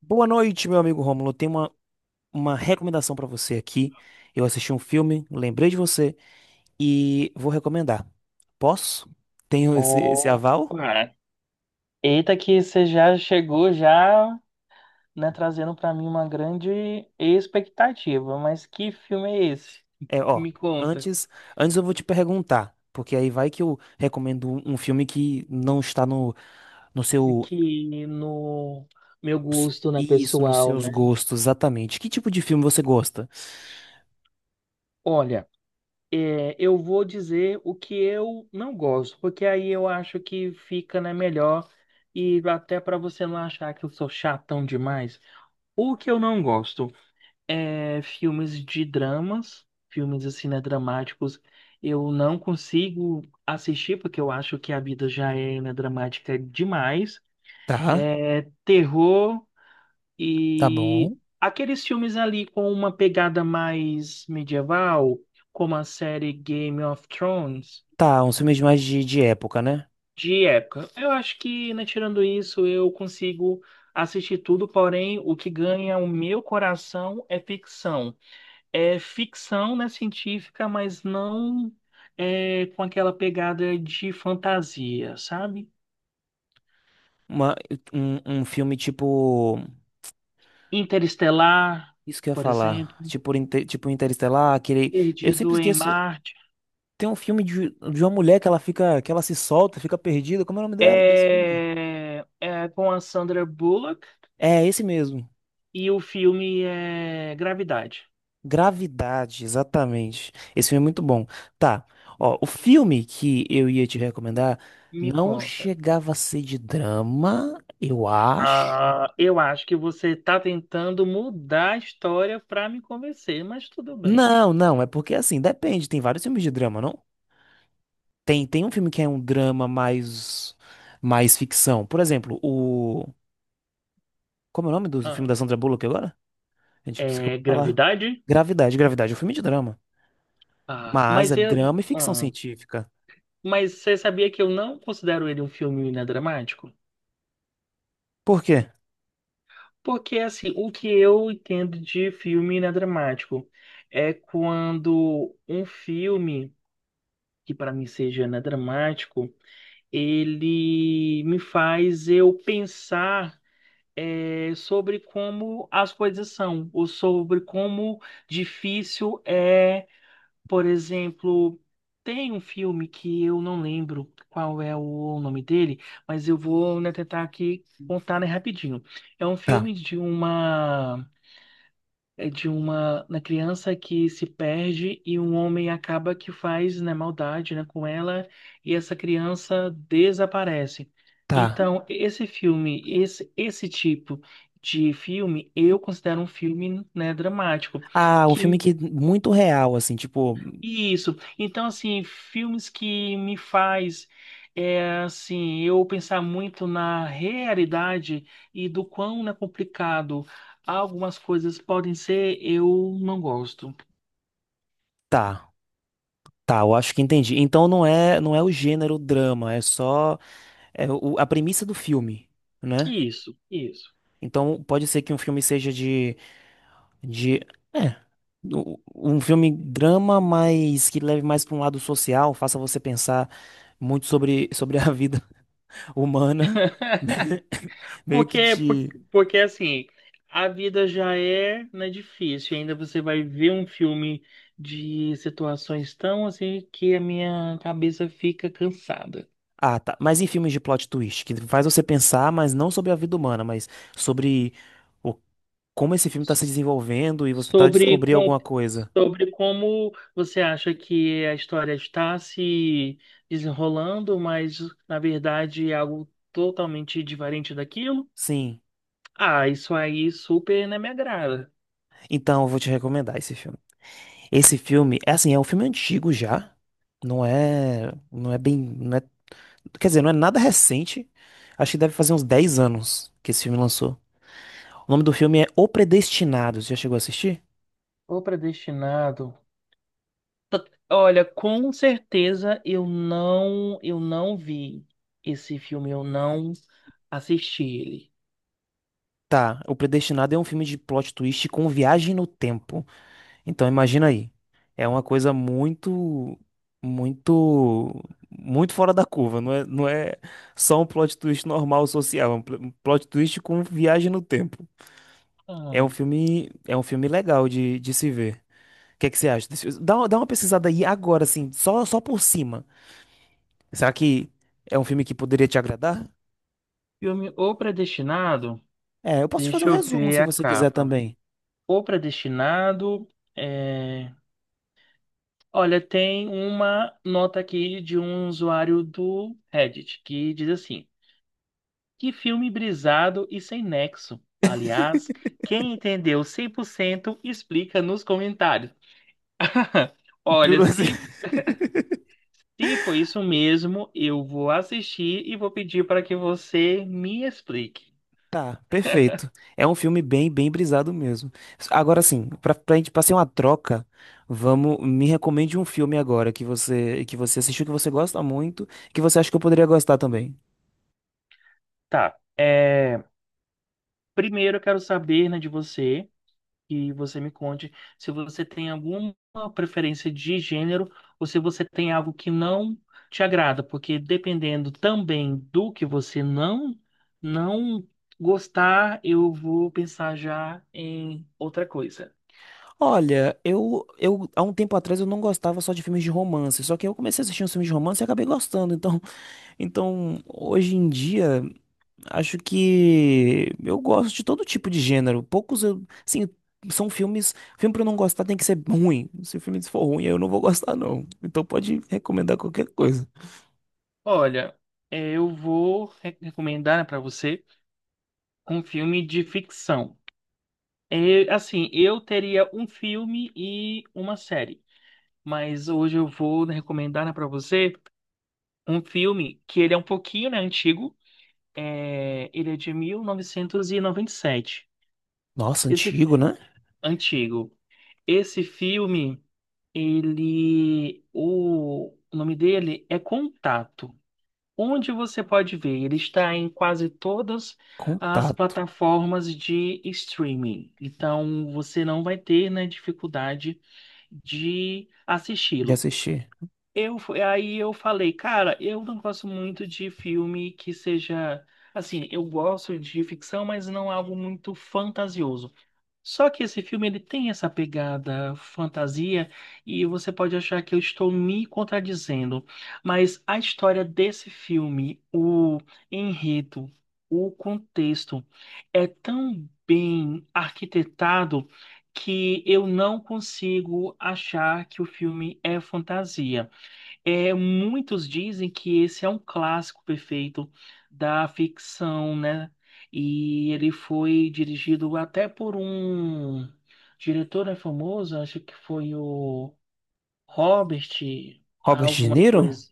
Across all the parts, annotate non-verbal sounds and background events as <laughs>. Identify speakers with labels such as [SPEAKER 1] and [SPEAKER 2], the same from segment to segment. [SPEAKER 1] Boa noite, meu amigo Rômulo. Tenho uma recomendação pra você aqui. Eu assisti um filme, lembrei de você e vou recomendar. Posso? Tenho <laughs> esse
[SPEAKER 2] Opa!
[SPEAKER 1] aval?
[SPEAKER 2] Eita que você já chegou já, né, trazendo pra mim uma grande expectativa. Mas que filme é esse?
[SPEAKER 1] É, ó,
[SPEAKER 2] Me conta.
[SPEAKER 1] antes, antes eu vou te perguntar, porque aí vai que eu recomendo um filme que não está no seu,
[SPEAKER 2] Que no meu gosto, né,
[SPEAKER 1] isso, nos
[SPEAKER 2] pessoal,
[SPEAKER 1] seus
[SPEAKER 2] né?
[SPEAKER 1] gostos, exatamente. Que tipo de filme você gosta?
[SPEAKER 2] Olha, é, eu vou dizer o que eu não gosto, porque aí eu acho que fica, né, melhor e até para você não achar que eu sou chatão demais. O que eu não gosto? É, filmes de dramas, filmes assim, né, dramáticos, eu não consigo assistir porque eu acho que a vida já é, né, dramática demais.
[SPEAKER 1] Tá,
[SPEAKER 2] É, terror
[SPEAKER 1] tá
[SPEAKER 2] e
[SPEAKER 1] bom.
[SPEAKER 2] aqueles filmes ali com uma pegada mais medieval, como a série Game of Thrones,
[SPEAKER 1] Tá, uns filmes mais de época, né?
[SPEAKER 2] de época. Eu acho que, né, tirando isso, eu consigo assistir tudo, porém, o que ganha o meu coração é ficção. Né, científica, mas não é com aquela pegada de fantasia, sabe?
[SPEAKER 1] Uma, um filme tipo.
[SPEAKER 2] Interestelar,
[SPEAKER 1] Isso que eu ia
[SPEAKER 2] por exemplo,
[SPEAKER 1] falar. Tipo, tipo Interestelar, aquele. Eu sempre
[SPEAKER 2] Perdido em
[SPEAKER 1] esqueço.
[SPEAKER 2] Marte,
[SPEAKER 1] Tem um filme de uma mulher que ela fica. Que ela se solta, fica perdida. Como é o nome dela desse filme?
[SPEAKER 2] é com a Sandra Bullock
[SPEAKER 1] É, esse mesmo.
[SPEAKER 2] e o filme é Gravidade.
[SPEAKER 1] Gravidade, exatamente. Esse filme é muito bom. Tá. Ó, o filme que eu ia te recomendar
[SPEAKER 2] Me
[SPEAKER 1] não
[SPEAKER 2] conta.
[SPEAKER 1] chegava a ser de drama, eu acho.
[SPEAKER 2] Ah, eu acho que você está tentando mudar a história para me convencer, mas tudo bem.
[SPEAKER 1] Não, não, é porque assim, depende, tem vários filmes de drama, não? Tem um filme que é um drama mais ficção. Por exemplo, o como é o nome do filme
[SPEAKER 2] Ah,
[SPEAKER 1] da Sandra Bullock agora? A gente se acabou
[SPEAKER 2] é
[SPEAKER 1] de falar.
[SPEAKER 2] Gravidade?
[SPEAKER 1] Gravidade, Gravidade é um filme de drama,
[SPEAKER 2] Ah,
[SPEAKER 1] mas é
[SPEAKER 2] mas eu,
[SPEAKER 1] drama e ficção
[SPEAKER 2] ah,
[SPEAKER 1] científica.
[SPEAKER 2] Mas você sabia que eu não considero ele um filme inadramático?
[SPEAKER 1] Por quê?
[SPEAKER 2] Porque, assim, o que eu entendo de filme inadramático é quando um filme, que para mim seja inadramático, ele me faz eu pensar sobre como as coisas são, ou sobre como difícil é. Por exemplo, tem um filme que eu não lembro qual é o nome dele, mas eu vou, né, tentar aqui contar, né, rapidinho. É um
[SPEAKER 1] Tá,
[SPEAKER 2] filme de uma é de uma, na criança que se perde e um homem acaba que faz, né, maldade, né, com ela e essa criança desaparece.
[SPEAKER 1] tá.
[SPEAKER 2] Então, esse filme, esse tipo de filme, eu considero um filme, né, dramático.
[SPEAKER 1] Ah, um filme
[SPEAKER 2] Que
[SPEAKER 1] que muito real, assim, tipo,
[SPEAKER 2] isso. Então, assim, filmes que me faz, é, assim, eu pensar muito na realidade e do quão é complicado algumas coisas podem ser, eu não gosto.
[SPEAKER 1] tá, tá, eu acho que entendi. Então não é, não é o gênero drama, é só é a premissa do filme, né?
[SPEAKER 2] Isso, isso.
[SPEAKER 1] Então pode ser que um filme seja de, é, um filme drama, mas que leve mais para um lado social, faça você pensar muito sobre, <laughs> sobre a vida <laughs> humana,
[SPEAKER 2] <laughs>
[SPEAKER 1] <laughs> meio que
[SPEAKER 2] Porque, por-
[SPEAKER 1] te.
[SPEAKER 2] Porque assim, a vida já é, né, difícil. Ainda você vai ver um filme de situações tão assim que a minha cabeça fica cansada.
[SPEAKER 1] Ah, tá. Mas em filmes de plot twist, que faz você pensar, mas não sobre a vida humana, mas sobre como esse filme está se desenvolvendo e você tá
[SPEAKER 2] Sobre,
[SPEAKER 1] descobrindo
[SPEAKER 2] com-
[SPEAKER 1] alguma coisa.
[SPEAKER 2] sobre como você acha que a história está se desenrolando, mas na verdade é algo totalmente diferente daquilo?
[SPEAKER 1] Sim.
[SPEAKER 2] Ah, isso aí super não me agrada.
[SPEAKER 1] Então, eu vou te recomendar esse filme. Esse filme, é assim, é um filme antigo já. Não é, não é bem, não é- quer dizer, não é nada recente. Acho que deve fazer uns 10 anos que esse filme lançou. O nome do filme é O Predestinado. Você já chegou a assistir?
[SPEAKER 2] O Predestinado. Olha, com certeza eu não vi esse filme, eu não assisti ele.
[SPEAKER 1] Tá, O Predestinado é um filme de plot twist com viagem no tempo. Então, imagina aí. É uma coisa muito, muito, muito fora da curva. Não é, não é só um plot twist normal social, é um um plot twist com viagem no tempo.
[SPEAKER 2] Ah,
[SPEAKER 1] É um filme legal de se ver. O que é que você acha desse filme? Dá, dá uma pesquisada aí agora, assim, só, só por cima. Será que é um filme que poderia te agradar?
[SPEAKER 2] filme O Predestinado,
[SPEAKER 1] É, eu posso te fazer um
[SPEAKER 2] deixa eu
[SPEAKER 1] resumo
[SPEAKER 2] ver
[SPEAKER 1] se
[SPEAKER 2] a
[SPEAKER 1] você quiser
[SPEAKER 2] capa.
[SPEAKER 1] também.
[SPEAKER 2] O Predestinado é. Olha, tem uma nota aqui de um usuário do Reddit que diz assim: que filme brisado e sem nexo. Aliás, quem entendeu 100% explica nos comentários. <laughs>
[SPEAKER 1] <laughs>
[SPEAKER 2] Olha,
[SPEAKER 1] Piru-.
[SPEAKER 2] se foi isso mesmo, eu vou assistir e vou pedir para que você me explique.
[SPEAKER 1] Tá, perfeito. É um filme bem, bem brisado mesmo. Agora sim, pra gente passar uma troca, vamos, me recomende um filme agora que você assistiu, que você gosta muito, que você acha que eu poderia gostar também.
[SPEAKER 2] Tá. É, primeiro eu quero saber, né, de você, que você me conte se você tem alguma preferência de gênero ou se você tem algo que não te agrada, porque dependendo também do que você não gostar, eu vou pensar já em outra coisa.
[SPEAKER 1] Olha, eu há um tempo atrás eu não gostava só de filmes de romance, só que eu comecei a assistir uns filmes de romance e acabei gostando. Então, então hoje em dia acho que eu gosto de todo tipo de gênero. Poucos eu, assim, são filme pra eu não gostar tem que ser ruim. Se o filme for ruim, eu não vou gostar não. Então pode recomendar qualquer coisa.
[SPEAKER 2] Olha, eu vou recomendar né, para você um filme de ficção. É, assim, eu teria um filme e uma série, mas hoje eu vou né, recomendar né, para você um filme que ele é um pouquinho, né, antigo. É, ele é de mil novecentos e noventa e sete.
[SPEAKER 1] Nossa,
[SPEAKER 2] Esse fi-
[SPEAKER 1] antigo, né?
[SPEAKER 2] Antigo. Esse filme, o nome dele é Contato. Onde você pode ver, ele está em quase todas as
[SPEAKER 1] Contato.
[SPEAKER 2] plataformas de streaming. Então, você não vai ter, né, dificuldade de
[SPEAKER 1] Já
[SPEAKER 2] assisti-lo.
[SPEAKER 1] assisti.
[SPEAKER 2] Aí eu falei, cara, eu não gosto muito de filme que seja. Assim, eu gosto de ficção, mas não algo muito fantasioso. Só que esse filme ele tem essa pegada fantasia e você pode achar que eu estou me contradizendo, mas a história desse filme, o enredo, o contexto é tão bem arquitetado que eu não consigo achar que o filme é fantasia. É, muitos dizem que esse é um clássico perfeito da ficção, né? E ele foi dirigido até por um diretor né, famoso, acho que foi o Robert,
[SPEAKER 1] Robert De
[SPEAKER 2] alguma
[SPEAKER 1] Niro?
[SPEAKER 2] coisa.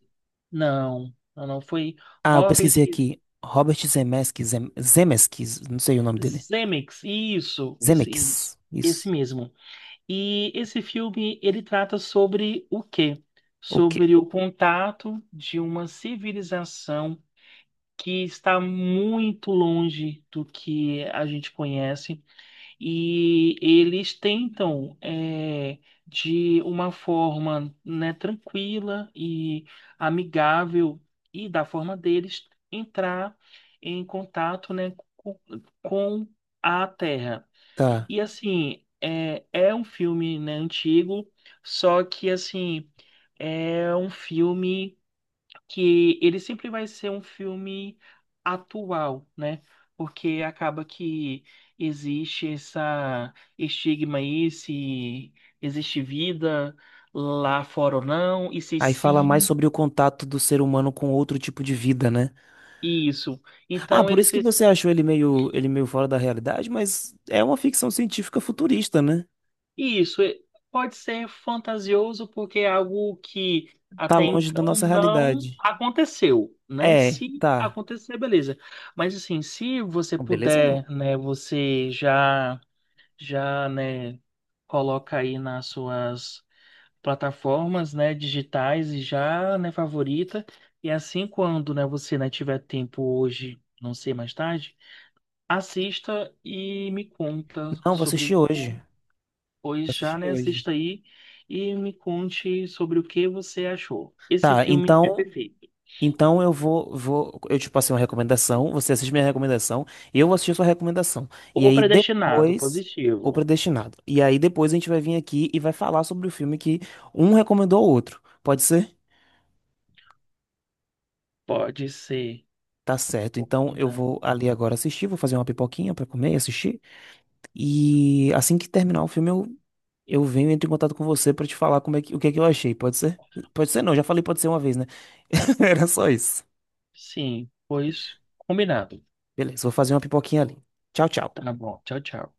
[SPEAKER 2] Não, não, não foi.
[SPEAKER 1] Ah, eu
[SPEAKER 2] Robert
[SPEAKER 1] pesquisei aqui. Robert Zemeckis, Zemeckis, não sei o nome dele.
[SPEAKER 2] Zemeckis. Isso, isso, isso.
[SPEAKER 1] Zemeckis.
[SPEAKER 2] Esse
[SPEAKER 1] Isso.
[SPEAKER 2] mesmo. E esse filme, ele trata sobre o quê?
[SPEAKER 1] O quê?
[SPEAKER 2] Sobre o contato de uma civilização que está muito longe do que a gente conhece e eles tentam é, de uma forma né, tranquila e amigável e da forma deles entrar em contato né, com, a Terra
[SPEAKER 1] Tá.
[SPEAKER 2] e assim é um filme né, antigo, só que assim é um filme que ele sempre vai ser um filme atual, né? Porque acaba que existe essa estigma aí se existe vida lá fora ou não, e se
[SPEAKER 1] Aí fala mais
[SPEAKER 2] sim,
[SPEAKER 1] sobre o contato do ser humano com outro tipo de vida, né?
[SPEAKER 2] isso.
[SPEAKER 1] Ah,
[SPEAKER 2] Então
[SPEAKER 1] por
[SPEAKER 2] ele
[SPEAKER 1] isso
[SPEAKER 2] se
[SPEAKER 1] que você achou ele meio fora da realidade, mas é uma ficção científica futurista, né?
[SPEAKER 2] isso e- Pode ser fantasioso porque é algo que
[SPEAKER 1] Tá
[SPEAKER 2] até
[SPEAKER 1] longe da
[SPEAKER 2] então
[SPEAKER 1] nossa
[SPEAKER 2] não
[SPEAKER 1] realidade.
[SPEAKER 2] aconteceu, né?
[SPEAKER 1] É,
[SPEAKER 2] Se
[SPEAKER 1] tá.
[SPEAKER 2] acontecer, beleza. Mas assim, se você
[SPEAKER 1] Não, beleza, não.
[SPEAKER 2] puder, né, você já já, né, coloca aí nas suas plataformas, né, digitais e já, né, favorita. E assim, quando, né, você, né, tiver tempo hoje, não sei, mais tarde, assista e me conta
[SPEAKER 1] Não, vou
[SPEAKER 2] sobre,
[SPEAKER 1] assistir hoje. Vou
[SPEAKER 2] pois já,
[SPEAKER 1] assistir
[SPEAKER 2] né,
[SPEAKER 1] hoje.
[SPEAKER 2] assista aí e me conte sobre o que você achou. Esse
[SPEAKER 1] Tá,
[SPEAKER 2] filme é
[SPEAKER 1] então,
[SPEAKER 2] perfeito.
[SPEAKER 1] então eu vou, eu te passei uma recomendação, você assiste minha recomendação, eu vou assistir a sua recomendação. E
[SPEAKER 2] Ou
[SPEAKER 1] aí
[SPEAKER 2] predestinado,
[SPEAKER 1] depois,
[SPEAKER 2] positivo.
[SPEAKER 1] O Predestinado. E aí depois a gente vai vir aqui e vai falar sobre o filme que um recomendou ao outro. Pode ser?
[SPEAKER 2] Pode ser.
[SPEAKER 1] Tá certo. Então eu
[SPEAKER 2] Combinado.
[SPEAKER 1] vou ali agora assistir, vou fazer uma pipoquinha pra comer e assistir. E assim que terminar o filme, eu venho e entro em contato com você pra te falar como é que, o que é que eu achei. Pode ser? Pode ser não, já falei pode ser uma vez, né? <laughs> Era só isso.
[SPEAKER 2] Sim, pois combinado.
[SPEAKER 1] Beleza, vou fazer uma pipoquinha ali. Tchau, tchau.
[SPEAKER 2] Tá bom. Tchau, tchau.